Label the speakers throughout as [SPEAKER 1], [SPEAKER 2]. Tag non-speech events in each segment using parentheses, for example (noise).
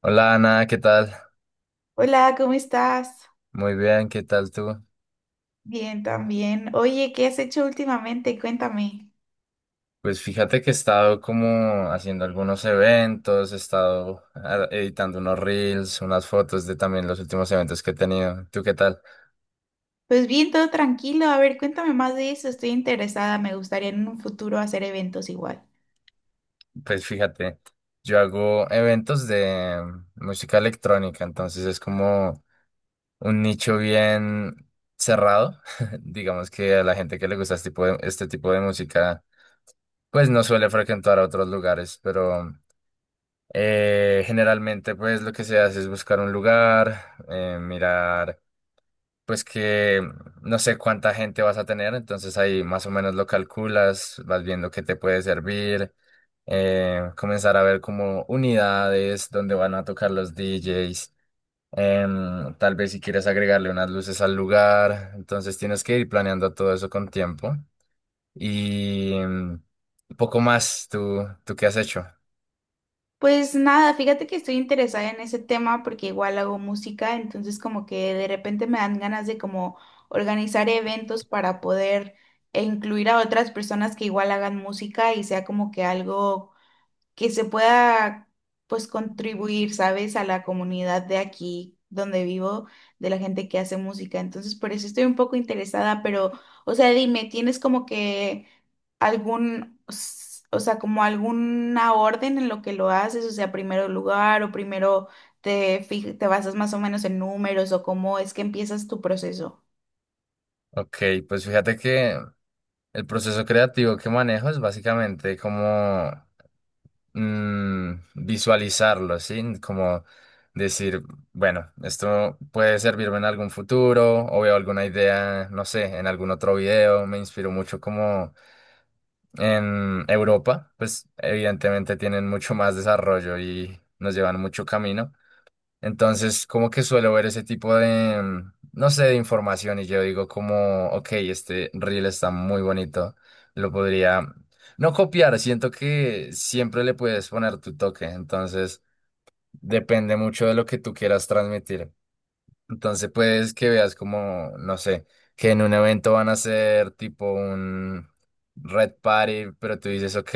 [SPEAKER 1] Hola Ana, ¿qué tal?
[SPEAKER 2] Hola, ¿cómo estás?
[SPEAKER 1] Muy bien, ¿qué tal tú?
[SPEAKER 2] Bien, también. Oye, ¿qué has hecho últimamente? Cuéntame.
[SPEAKER 1] Pues fíjate que he estado como haciendo algunos eventos, he estado editando unos reels, unas fotos de también los últimos eventos que he tenido. ¿Tú qué tal?
[SPEAKER 2] Pues bien, todo tranquilo. A ver, cuéntame más de eso. Estoy interesada. Me gustaría en un futuro hacer eventos igual.
[SPEAKER 1] Pues fíjate, yo hago eventos de música electrónica, entonces es como un nicho bien cerrado. (laughs) Digamos que a la gente que le gusta este tipo de música, pues no suele frecuentar a otros lugares, pero... Generalmente, pues lo que se hace es buscar un lugar, mirar, pues que no sé cuánta gente vas a tener, entonces ahí más o menos lo calculas, vas viendo qué te puede servir, comenzar a ver como unidades donde van a tocar los DJs, tal vez si quieres agregarle unas luces al lugar, entonces tienes que ir planeando todo eso con tiempo y poco más. ¿Tú qué has hecho?
[SPEAKER 2] Pues nada, fíjate que estoy interesada en ese tema porque igual hago música, entonces como que de repente me dan ganas de como organizar eventos para poder incluir a otras personas que igual hagan música y sea como que algo que se pueda pues contribuir, ¿sabes? A la comunidad de aquí donde vivo, de la gente que hace música. Entonces, por eso estoy un poco interesada, pero, o sea, dime, ¿tienes como que algún, o sea, como alguna orden en lo que lo haces? O sea, primero lugar o primero te basas más o menos en números o cómo es que empiezas tu proceso.
[SPEAKER 1] Ok, pues fíjate que el proceso creativo que manejo es básicamente como visualizarlo, ¿sí? Como decir, bueno, esto puede servirme en algún futuro o veo alguna idea, no sé, en algún otro video. Me inspiro mucho como en Europa, pues evidentemente tienen mucho más desarrollo y nos llevan mucho camino. Entonces, como que suelo ver ese tipo de, no sé, de información y yo digo como, ok, este reel está muy bonito, lo podría no copiar, siento que siempre le puedes poner tu toque, entonces depende mucho de lo que tú quieras transmitir. Entonces, puedes que veas como, no sé, que en un evento van a hacer tipo un red party, pero tú dices, ok.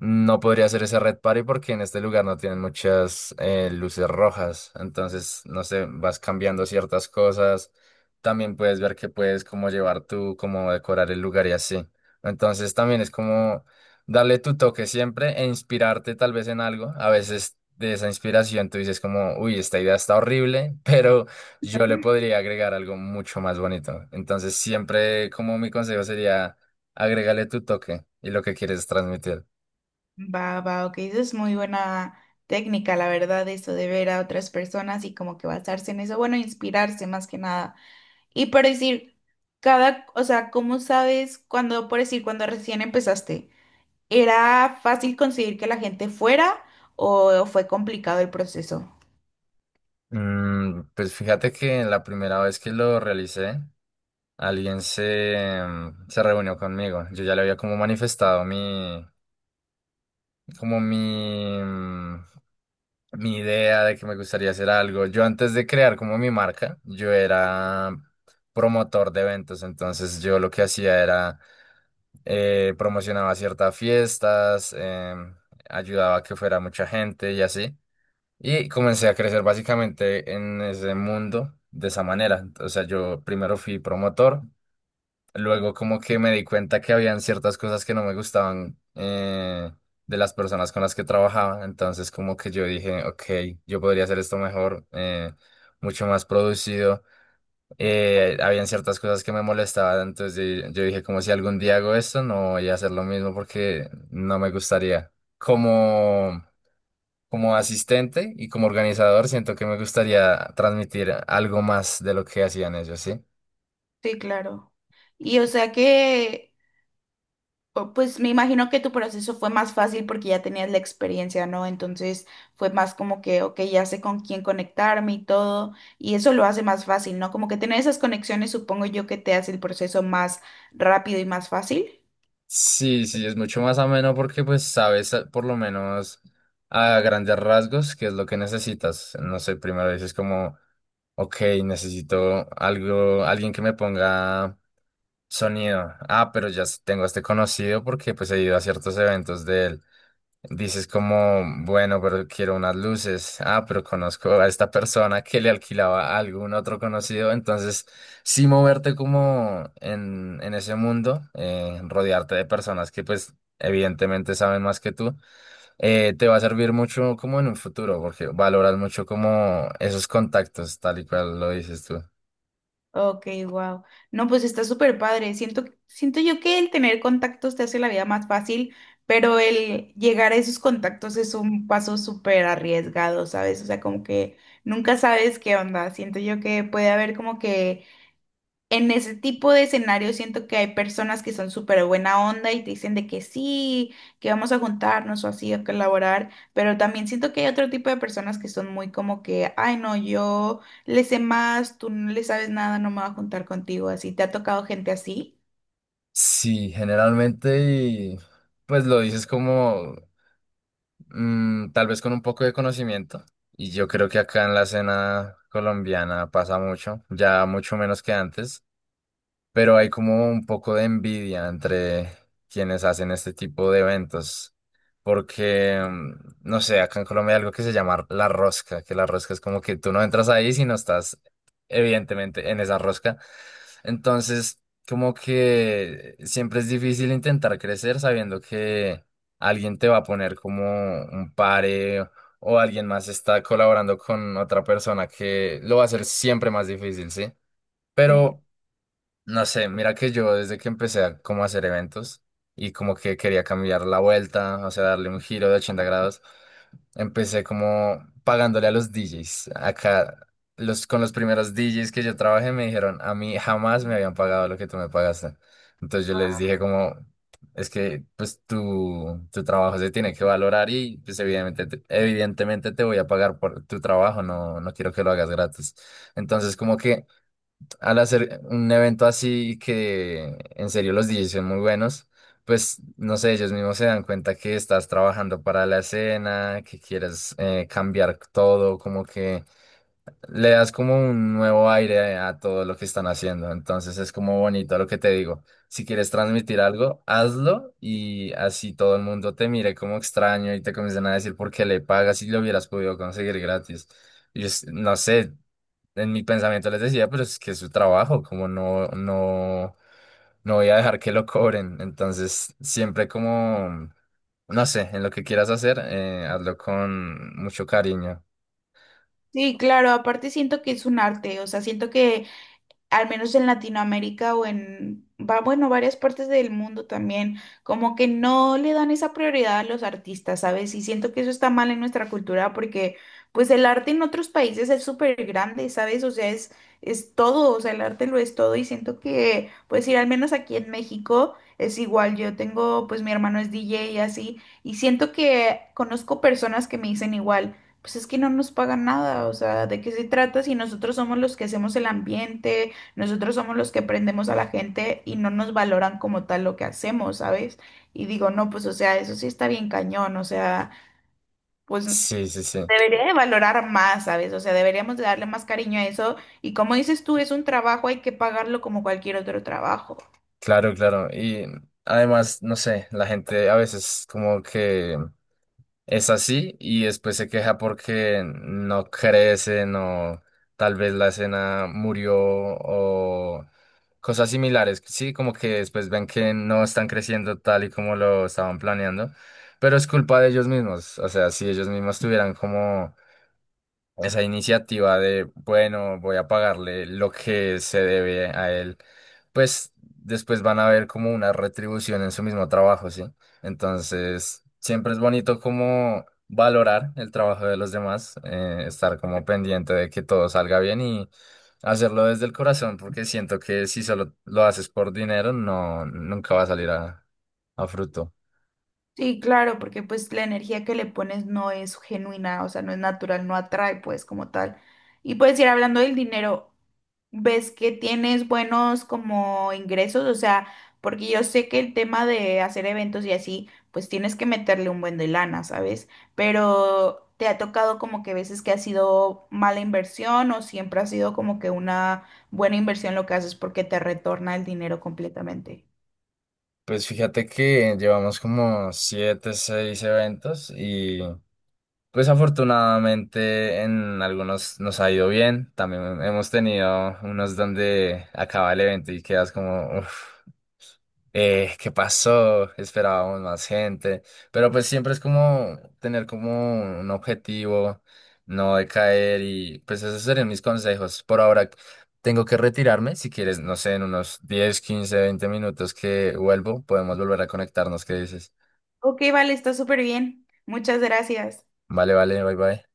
[SPEAKER 1] No podría hacer ese Red Party porque en este lugar no tienen muchas luces rojas. Entonces, no sé, vas cambiando ciertas cosas. También puedes ver que puedes como llevar tú, cómo decorar el lugar y así. Entonces, también es como darle tu toque siempre e inspirarte tal vez en algo. A veces de esa inspiración tú dices como, uy, esta idea está horrible, (laughs) pero yo le podría agregar algo mucho más bonito. Entonces, siempre como mi consejo sería, agrégale tu toque y lo que quieres transmitir.
[SPEAKER 2] Va, va, ok, eso es muy buena técnica, la verdad, eso de ver a otras personas y como que basarse en eso, bueno, inspirarse más que nada. Y por decir, cada, o sea, ¿cómo sabes cuando, por decir, cuando recién empezaste, era fácil conseguir que la gente fuera o fue complicado el proceso?
[SPEAKER 1] Pues fíjate que la primera vez que lo realicé, alguien se, se reunió conmigo. Yo ya le había como manifestado mi, como mi, mi idea de que me gustaría hacer algo. Yo antes de crear como mi marca, yo era promotor de eventos, entonces yo lo que hacía era promocionaba ciertas fiestas, ayudaba a que fuera mucha gente y así. Y comencé a crecer básicamente en ese mundo de esa manera. O sea, yo primero fui promotor, luego como que me di cuenta que habían ciertas cosas que no me gustaban de las personas con las que trabajaba. Entonces como que yo dije, ok, yo podría hacer esto mejor, mucho más producido. Habían ciertas cosas que me molestaban, entonces yo dije, como si algún día hago esto, no voy a hacer lo mismo porque no me gustaría. Como como asistente y como organizador, siento que me gustaría transmitir algo más de lo que hacían ellos, ¿sí?
[SPEAKER 2] Sí, claro. Y o sea que pues me imagino que tu proceso fue más fácil porque ya tenías la experiencia, ¿no? Entonces fue más como que, ok, ya sé con quién conectarme y todo, y eso lo hace más fácil, ¿no? Como que tener esas conexiones supongo yo que te hace el proceso más rápido y más fácil.
[SPEAKER 1] Sí, sí, es mucho más ameno porque pues sabes, por lo menos a grandes rasgos qué es lo que necesitas. No sé, primero dices como, ok, necesito algo, alguien que me ponga sonido. Ah, pero tengo a este conocido porque pues he ido a ciertos eventos de él. Dices como, bueno, pero quiero unas luces. Ah, pero conozco a esta persona que le alquilaba a algún otro conocido. Entonces, sí moverte como en ese mundo, rodearte de personas que pues evidentemente saben más que tú, te va a servir mucho como en un futuro, porque valoras mucho como esos contactos, tal y cual lo dices tú.
[SPEAKER 2] Ok, wow. No, pues está súper padre. Siento yo que el tener contactos te hace la vida más fácil, pero el llegar a esos contactos es un paso súper arriesgado, ¿sabes? O sea, como que nunca sabes qué onda. Siento yo que puede haber como que en ese tipo de escenario siento que hay personas que son súper buena onda y te dicen de que sí, que vamos a juntarnos o así, a colaborar, pero también siento que hay otro tipo de personas que son muy como que, ay no, yo le sé más, tú no le sabes nada, no me voy a juntar contigo, así. ¿Te ha tocado gente así?
[SPEAKER 1] Sí, generalmente y pues lo dices como tal vez con un poco de conocimiento. Y yo creo que acá en la escena colombiana pasa mucho, ya mucho menos que antes, pero hay como un poco de envidia entre quienes hacen este tipo de eventos. Porque, no sé, acá en Colombia hay algo que se llama la rosca, que la rosca es como que tú no entras ahí si no estás evidentemente en esa rosca. Entonces, como que siempre es difícil intentar crecer sabiendo que alguien te va a poner como un pare o alguien más está colaborando con otra persona que lo va a hacer siempre más difícil, ¿sí?
[SPEAKER 2] Sí.
[SPEAKER 1] Pero, no sé, mira que yo desde que empecé a como hacer eventos y como que quería cambiar la vuelta, o sea, darle un giro de 80 grados. Empecé como pagándole a los DJs. Acá, con los primeros DJs que yo trabajé me dijeron, a mí jamás me habían pagado lo que tú me pagaste. Entonces yo les dije como, es que pues tu trabajo se tiene que valorar y pues evidentemente, evidentemente te voy a pagar por tu trabajo, no, no quiero que lo hagas gratis. Entonces como que al hacer un evento así que en serio los DJs son muy buenos, pues no sé, ellos mismos se dan cuenta que estás trabajando para la escena, que quieres, cambiar todo, como que le das como un nuevo aire a todo lo que están haciendo. Entonces es como bonito lo que te digo. Si quieres transmitir algo, hazlo y así todo el mundo te mire como extraño y te comiencen a decir por qué le pagas si lo hubieras podido conseguir gratis. No sé, en mi pensamiento les decía, pero es que es su trabajo, como no, no, no voy a dejar que lo cobren. Entonces, siempre como, no sé, en lo que quieras hacer, hazlo con mucho cariño.
[SPEAKER 2] Sí, claro, aparte siento que es un arte, o sea, siento que al menos en Latinoamérica o en, bueno, varias partes del mundo también, como que no le dan esa prioridad a los artistas, ¿sabes? Y siento que eso está mal en nuestra cultura porque pues el arte en otros países es súper grande, ¿sabes? O sea, es todo, o sea, el arte lo es todo y siento que, pues ir al menos aquí en México es igual, yo tengo, pues mi hermano es DJ y así, y siento que conozco personas que me dicen igual pues es que no nos pagan nada, o sea, ¿de qué se trata si nosotros somos los que hacemos el ambiente? Nosotros somos los que prendemos a la gente y no nos valoran como tal lo que hacemos, ¿sabes? Y digo, no, pues, o sea, eso sí está bien cañón, o sea, pues
[SPEAKER 1] Sí, sí, sí,
[SPEAKER 2] debería de valorar más, ¿sabes? O sea, deberíamos de darle más cariño a eso. Y como dices tú, es un trabajo, hay que pagarlo como cualquier otro trabajo.
[SPEAKER 1] claro, claro. Y además, no sé, la gente a veces como que es así y después se queja porque no crecen o tal vez la escena murió o cosas similares. Sí, como que después ven que no están creciendo tal y como lo estaban planeando, pero es culpa de ellos mismos. O sea, si ellos mismos tuvieran como esa iniciativa de, bueno, voy a pagarle lo que se debe a él, pues después van a ver como una retribución en su mismo trabajo, ¿sí? Entonces, siempre es bonito como valorar el trabajo de los demás, estar como pendiente de que todo salga bien y hacerlo desde el corazón, porque siento que si solo lo haces por dinero, no, nunca va a salir a fruto.
[SPEAKER 2] Sí, claro, porque pues la energía que le pones no es genuina, o sea, no es natural, no atrae pues como tal. Y pues ir hablando del dinero, ¿ves que tienes buenos como ingresos? O sea, porque yo sé que el tema de hacer eventos y así, pues tienes que meterle un buen de lana, ¿sabes? Pero ¿te ha tocado como que veces que ha sido mala inversión o siempre ha sido como que una buena inversión lo que haces porque te retorna el dinero completamente?
[SPEAKER 1] Pues fíjate que llevamos como siete, seis eventos y pues afortunadamente en algunos nos ha ido bien. También hemos tenido unos donde acaba el evento y quedas como, "Uf, ¿qué pasó? Esperábamos más gente." Pero pues siempre es como tener como un objetivo, no decaer y pues esos serían mis consejos. Por ahora tengo que retirarme. Si quieres, no sé, en unos 10, 15, 20 minutos que vuelvo, podemos volver a conectarnos. ¿Qué dices?
[SPEAKER 2] Ok, vale, está súper bien. Muchas gracias.
[SPEAKER 1] Vale, vale, bye bye.